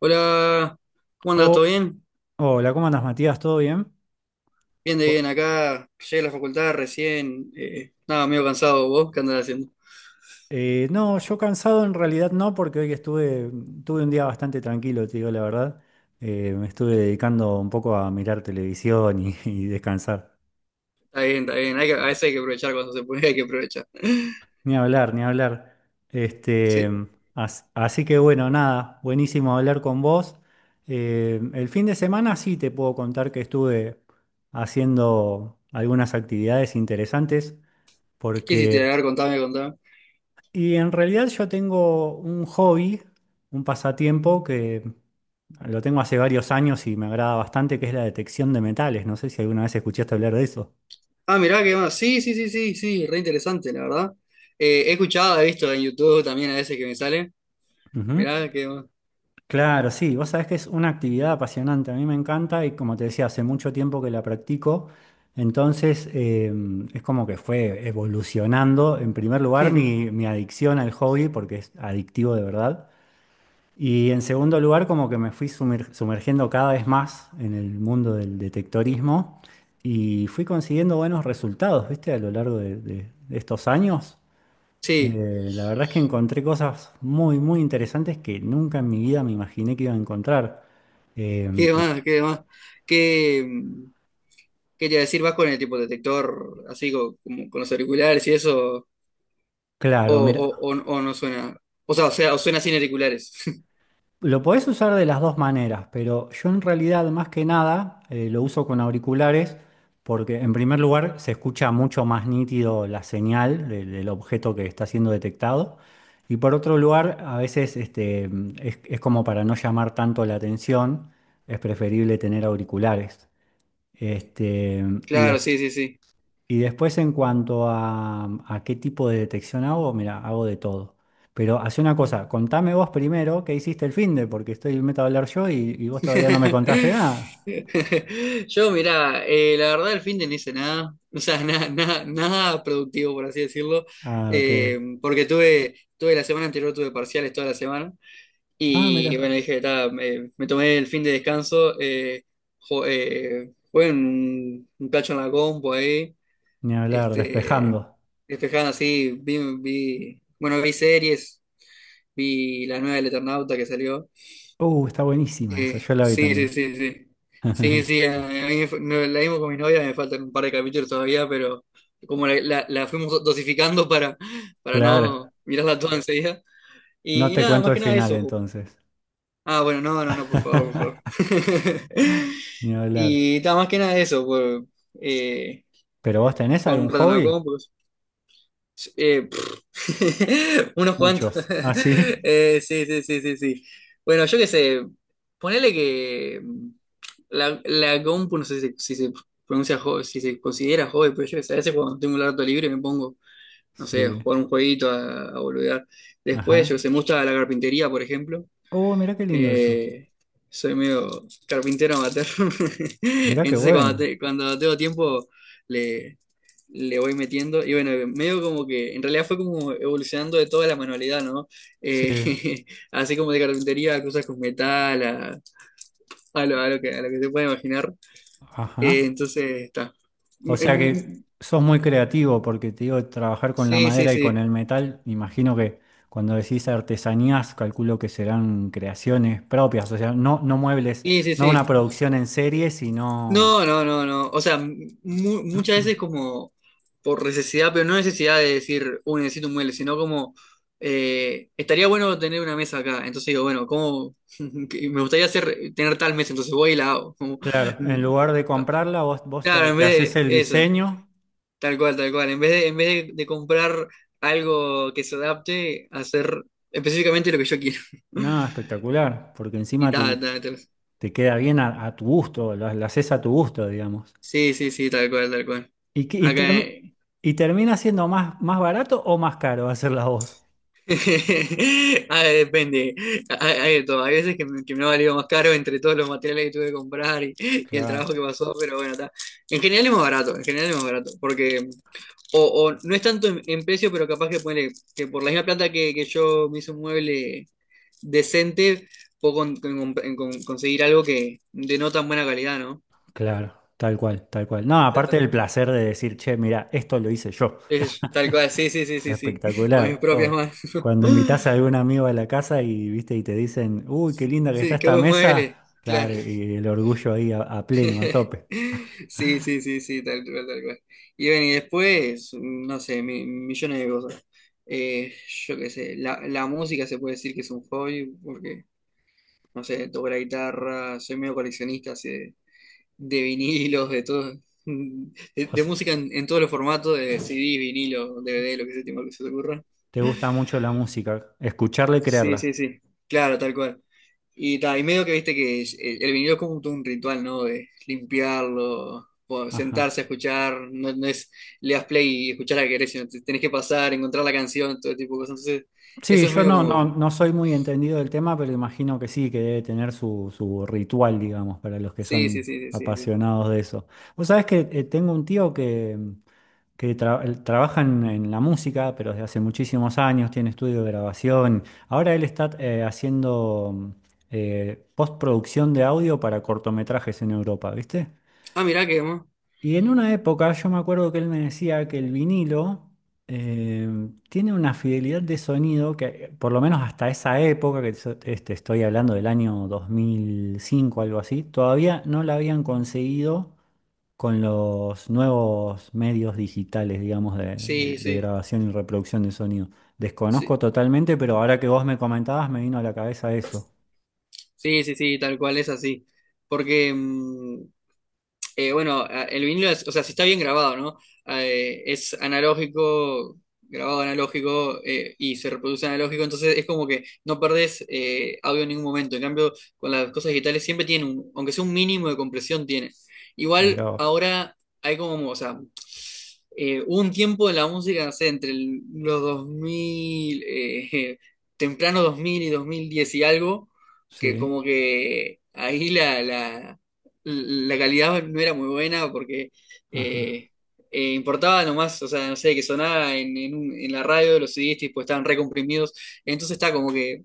Hola, ¿cómo andas? Oh, ¿Todo bien? hola, ¿cómo andas, Matías? ¿Todo bien? Bien de Bu- bien, acá llegué a la facultad recién, nada, medio cansado, ¿vos qué andás haciendo? No, yo cansado en realidad no, porque hoy tuve un día bastante tranquilo, te digo la verdad. Me estuve dedicando un poco a mirar televisión y, y descansar. Está bien, a veces hay que aprovechar cuando se puede, hay que aprovechar. Ni hablar, ni hablar. Este, Sí. Así que bueno, nada, buenísimo hablar con vos. El fin de semana sí te puedo contar que estuve haciendo algunas actividades interesantes, ¿Qué hiciste? A porque. ver, contame, contame. Y en realidad yo tengo un hobby, un pasatiempo que lo tengo hace varios años y me agrada bastante, que es la detección de metales. No sé si alguna vez escuchaste hablar de eso. Ah, mirá, qué más, sí, sí, sí, sí, sí, re interesante, la verdad. He escuchado, he visto en YouTube también a veces que me sale, Ujú. mirá, qué más. Claro, sí, vos sabés que es una actividad apasionante, a mí me encanta y como te decía, hace mucho tiempo que la practico, entonces es como que fue evolucionando, en primer lugar, mi, mi adicción al hobby, porque es adictivo de verdad. Y en segundo lugar, como que me fui sumergiendo cada vez más en el mundo del detectorismo y fui consiguiendo buenos resultados, ¿viste? A lo largo de estos años. Sí, La verdad es que encontré cosas muy, muy interesantes que nunca en mi vida me imaginé que iba a encontrar. Eh, qué te- más, qué más. ¿Qué, mm, ¿qué te iba a decir? ¿Vas con el tipo detector así como con los auriculares y eso? O, claro, o, o, mira, o no suena. O sea, o suena sin auriculares. lo podés usar de las dos maneras, pero yo en realidad más que nada lo uso con auriculares porque en primer lugar se escucha mucho más nítido la señal del objeto que está siendo detectado y por otro lugar a veces es como para no llamar tanto la atención, es preferible tener auriculares. Este, y Claro, después sí, sí, sí. En cuanto a qué tipo de detección hago, mira, hago de todo. Pero hace una cosa, contame vos primero qué hiciste el finde, porque estoy meto a hablar yo y vos todavía no me contaste nada. Yo, mirá, la verdad el fin de no hice nada. O sea, nada, nada, nada productivo, por así decirlo. Ah, ok. Porque tuve la semana anterior, tuve parciales toda la semana. Ah, Y mira, bueno, dije, ta, me tomé el fin de descanso. Jugué un cacho en la compu ahí. ni hablar, Este, despejando. despejando así, vi series. Vi la nueva del Eternauta que salió. Está buenísima esa, yo la vi Sí, sí, también. sí, sí. Sí, sí, a mí me fa- no, la vimos con mi novia, me faltan un par de capítulos todavía, pero como la fuimos dosificando para Claro, no mirarla toda enseguida. no Y te nada, más cuento el que nada final eso. Ju. entonces. Ah, bueno, no, no, no, por favor, por favor. Ni hablar. Y nada, más que nada eso, por, eh, ¿Pero vos tenés jugar un algún rato en la hobby? compu. Sí. Pff, unos cuantos. Muchos. ¿Ah, sí? Sí, sí, sí, sí, sí. Bueno, yo qué sé, ponele que la compu, no sé si se pronuncia, si se considera hobby, pero yo qué sé, a veces cuando tengo un rato libre me pongo, no sé, a Sí. jugar un jueguito, a boludear. Después, yo qué Ajá. sé, me gusta la carpintería, por ejemplo. Oh, mirá qué lindo eso. Eh, soy medio carpintero amateur. Mirá qué Entonces, bueno. Cuando tengo tiempo, le voy metiendo. Y bueno, medio como que en realidad fue como evolucionando de toda la manualidad, ¿no? Sí. Eh, así como de carpintería a cosas con metal, a lo que se puede imaginar. Ajá. Entonces, está. O Mm, sea que mm. sos muy creativo porque te digo, trabajar con la Sí, sí, madera y con sí. el metal, me imagino que cuando decís artesanías, calculo que serán creaciones propias, o sea, no, no muebles, Sí, sí, no una sí. producción en serie, sino, No, no, no, no. O sea, muchas veces como por necesidad, pero no necesidad de decir, uy, necesito un mueble, sino como, estaría bueno tener una mesa acá. Entonces digo, bueno, ¿cómo? Que me gustaría tener tal mesa, entonces voy y la hago. Como, claro, en mm, lugar de comprarla, vos claro, en te haces vez de el eso, diseño. tal cual, tal cual. En vez de, de comprar algo que se adapte, hacer específicamente lo que yo quiero. No, espectacular, porque Y encima te, tal, tal, tal. te queda bien a tu gusto, la haces a tu gusto, digamos. Sí, sí, sí, tal cual, tal cual. ¿Y, qué- y, Acá. termi- y termina siendo más barato o más caro hacerla vos? Ah, depende. Hay de todo. Hay veces que me ha valido más caro entre todos los materiales que tuve que comprar y el trabajo Claro. que pasó, pero bueno, está. En general es más barato, en general es más barato, porque o, o no es tanto en precio, pero capaz que ponele, que por la misma plata que yo me hice un mueble decente, puedo conseguir algo que de no tan buena calidad, ¿no? Claro, tal cual, tal cual. No, Sí, aparte está. del placer de decir, che, mira, esto lo hice yo. Es tal cual, sí, sí, sí, sí, sí, con mis Espectacular. propias Oh, manos. cuando invitas a algún amigo a la casa y viste y te dicen, uy, qué linda que está Sí, qué esta buen mueble, mesa, claro. claro, y el orgullo ahí a pleno, a tope. Sí, sí, sí, sí, tal cual, tal cual. Y ven, y después, no sé, millones de cosas. Eh, yo qué sé, la música se puede decir que es un hobby, porque, no sé, toco la guitarra, soy medio coleccionista así de vinilos, de todo, O de sea, música en todos los formatos, de CD, vinilo, DVD, lo que se te, lo que se te ocurra. te gusta mucho la música, escucharla y Sí, creerla. sí, sí. Claro, tal cual. Y, ta, y medio que viste que el vinilo es como todo un ritual, ¿no? De limpiarlo, Ajá. sentarse a escuchar, no, no es le das play y escuchar a que querés, sino tenés que pasar, encontrar la canción, todo tipo de cosas. Entonces, Sí, eso es yo medio no, como. no, Que no soy muy entendido del tema, pero imagino que sí, que debe tener su ritual, digamos, para los que sí, sí, son sí, sí, sí, sí. apasionados de eso. Vos sabés que tengo un tío que él trabaja en la música, pero desde hace muchísimos años, tiene estudio de grabación. Ahora él está haciendo postproducción de audio para cortometrajes en Europa, ¿viste? Ah, mirá que, ¿no? Y en una época yo me acuerdo que él me decía que el vinilo eh, tiene una fidelidad de sonido que, por lo menos hasta esa época, que estoy hablando del año 2005, algo así, todavía no la habían conseguido con los nuevos medios digitales, digamos, de, de- Sí, de sí, grabación y reproducción de sonido. sí. Desconozco totalmente, pero ahora que vos me comentabas, me vino a la cabeza eso. Sí, sí, sí, tal cual es así. Porque mm, el vinilo es, o sea, si está bien grabado, ¿no? Ah, eh, es analógico, grabado analógico y se reproduce analógico, entonces es como que no perdés audio en ningún momento. En cambio, con las cosas digitales siempre tienen un, aunque sea un mínimo de compresión, tiene. Igual Mirá vos. ahora hay como, o sea, hubo un tiempo de la música, no sé, entre los 2000, temprano 2000 y 2010 y algo, que Sí, como que ahí la calidad no era muy buena porque ajá, eh, importaba nomás, o sea, no sé, que sonaba en, en la radio, los CDs tipo, estaban recomprimidos, entonces está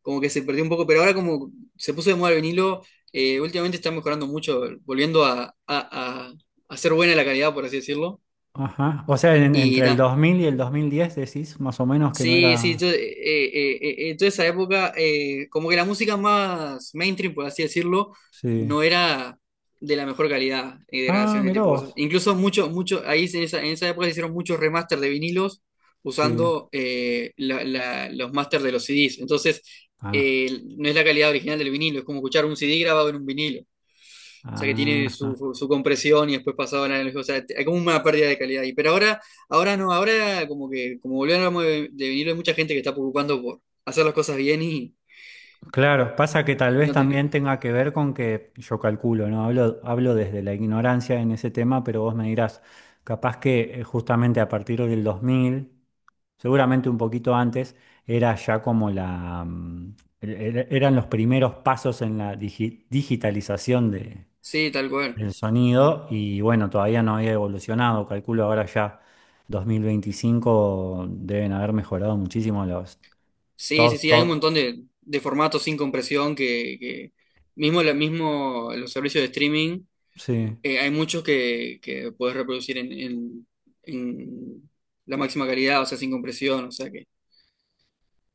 como que se perdió un poco, pero ahora como se puso de moda el vinilo, últimamente está mejorando mucho, volviendo a ser buena la calidad, por así decirlo. ajá. O sea, entre el Mira, 2000 y el 2010 decís más o menos que no sí, sí, yo, era... toda esa época, como que la música más mainstream, por así decirlo, Sí. no era de la mejor calidad de Ah, grabación, de mirá tipo de cosas. vos. Incluso mucho, mucho, ahí en esa época se hicieron muchos remaster de vinilos Sí. usando los masters de los CDs. Entonces, Ah, no es la calidad original del vinilo, es como escuchar un CD grabado en un vinilo. O sea que tiene ajá. su, su compresión y después pasado la analógica. O sea, hay como una pérdida de calidad ahí. Pero ahora, ahora no, ahora como que, como volvemos de vinilo, hay mucha gente que está preocupando por hacer las cosas bien Claro, pasa que tal y vez no tener. también tenga que ver con que yo calculo, ¿no? Hablo desde la ignorancia en ese tema, pero vos me dirás, capaz que justamente a partir del 2000, seguramente un poquito antes, era ya como la, mm, er- er- eran los primeros pasos en la digitalización de- Sí, tal cual. del sonido y bueno, todavía no había evolucionado, calculo ahora ya 2025 deben haber mejorado muchísimo los. Sí, sí, Todo, sí, hay un todo, montón de formatos sin compresión que mismo, mismo los servicios de streaming, sí, hay muchos que puedes reproducir en la máxima calidad, o sea, sin compresión, o sea que.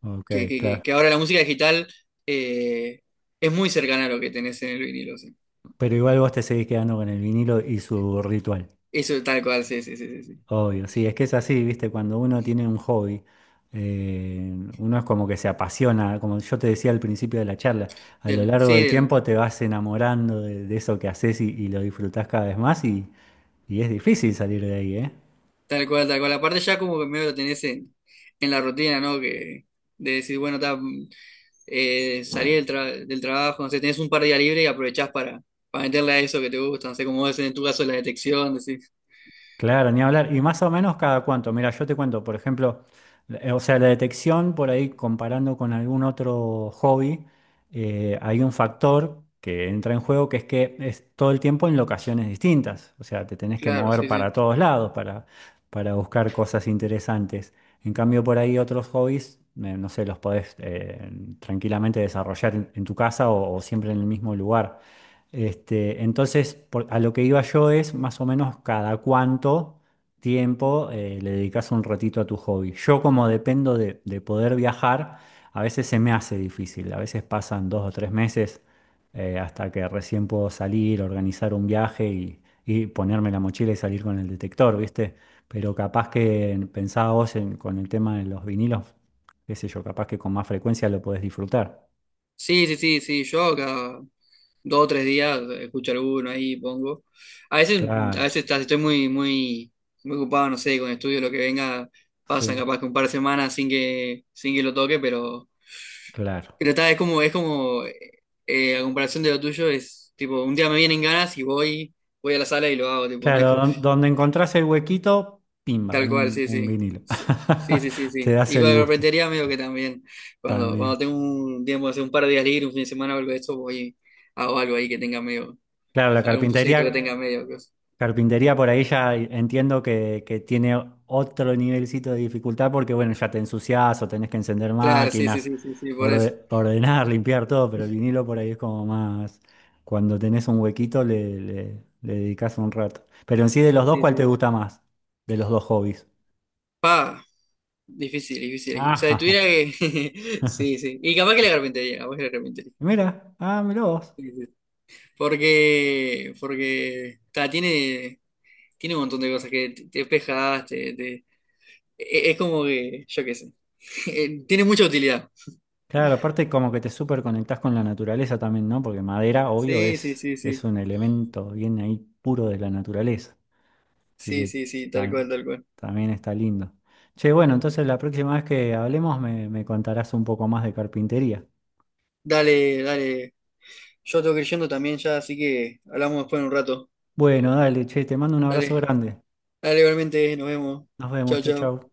ok, claro. Que ahora la música digital eh, es muy cercana a lo que tenés en el vinilo, sí. Pero igual vos te seguís quedando con el vinilo y su ritual. Eso tal cual, sí, sí, sí, sí. Sí, Obvio, sí, es que es así, viste, cuando uno tiene un hobby, uno es como que se apasiona, como yo te decía al principio de la charla, a lo Del- largo sí, del del- tiempo te vas enamorando de eso que haces y lo disfrutás cada vez más y es difícil salir de ahí, ¿eh? tal cual, tal cual. Aparte ya como que medio lo tenés en la rutina, ¿no? Que, de decir, bueno, ta, mm, eh, salí del trabajo, no sé, tenés un par de días libre y aprovechás para meterle a eso que te gusta, no sé, como es en tu caso la detección, decís, Claro, ni hablar. Y más o menos cada cuánto. Mira, yo te cuento, por ejemplo, o sea, la detección por ahí comparando con algún otro hobby, hay un factor que entra en juego que es todo el tiempo en locaciones distintas. O sea, te tenés que claro, mover sí, para sí. todos lados para buscar cosas interesantes. En cambio, por ahí otros hobbies, no sé, los podés tranquilamente desarrollar en tu casa o siempre en el mismo lugar. Entonces, a lo que iba yo es más o menos cada cuánto tiempo le dedicas un ratito a tu hobby. Yo como dependo de poder viajar, a veces se me hace difícil, a veces pasan 2 o 3 meses hasta que recién puedo salir, organizar un viaje y ponerme la mochila y salir con el detector, ¿viste? Pero capaz que pensaba vos con el tema de los vinilos, qué sé yo, capaz que con más frecuencia lo podés disfrutar. Sí, sí, sí, sí, yo acá. 2 o 3 días, escucho alguno ahí, pongo. A veces, Claro, estoy muy, muy, muy ocupado, no sé, con estudio, lo que venga, pasan sí. capaz que un par de semanas sin que, sin que lo toque, Claro. pero está, es como, a comparación de lo tuyo, es tipo, un día me vienen ganas y voy, voy a la sala y lo hago, tipo, no es Claro, co- donde encontrás el huequito, pimba, tal cual, un, sí, un sí. vinilo. Sí, sí, sí, sí. Te Sí. das Y con el la gusto carpintería medio que también, cuando también. tengo un tiempo, hace un par de días libre, un fin de semana o algo de esto, voy, hago algo ahí que tenga medio Claro, la algún proyecto que tenga carpintería, medio. carpintería por ahí ya entiendo que, tiene otro nivelcito de dificultad porque, bueno, ya te ensuciás o tenés que encender Claro, sí, sí, máquinas, sí, sí, sí, por eso. Ordenar, limpiar todo, pero el vinilo por ahí es como más, cuando tenés un huequito le dedicás un rato. Pero en sí de los dos, Sí, ¿cuál te sí. gusta más? De los dos hobbies. Pa, difícil, difícil. O sea, si Ajá. tuviera que. Sí, sí. Y capaz que la carpintería, capaz que la carpintería. Mira, ah, mirá vos. Sí, sí. Porque ta, tiene un montón de cosas que te despejas, es como que, yo qué sé, tiene mucha utilidad. Claro, aparte como que te súper conectás con la naturaleza también, ¿no? Porque madera, obvio, Sí, sí, es, sí, es sí, un elemento bien ahí puro de la naturaleza. Así sí, que sí, sí, tal ta- cual, tal cual. también está lindo. Che, bueno, entonces la próxima vez que hablemos me contarás un poco más de carpintería. Dale, dale, yo tengo que ir yendo también ya, así que hablamos después en un rato. Bueno, dale, che, te mando un abrazo Dale, grande. dale, igualmente, nos vemos. Nos vemos, Chao, chau, chao. chau.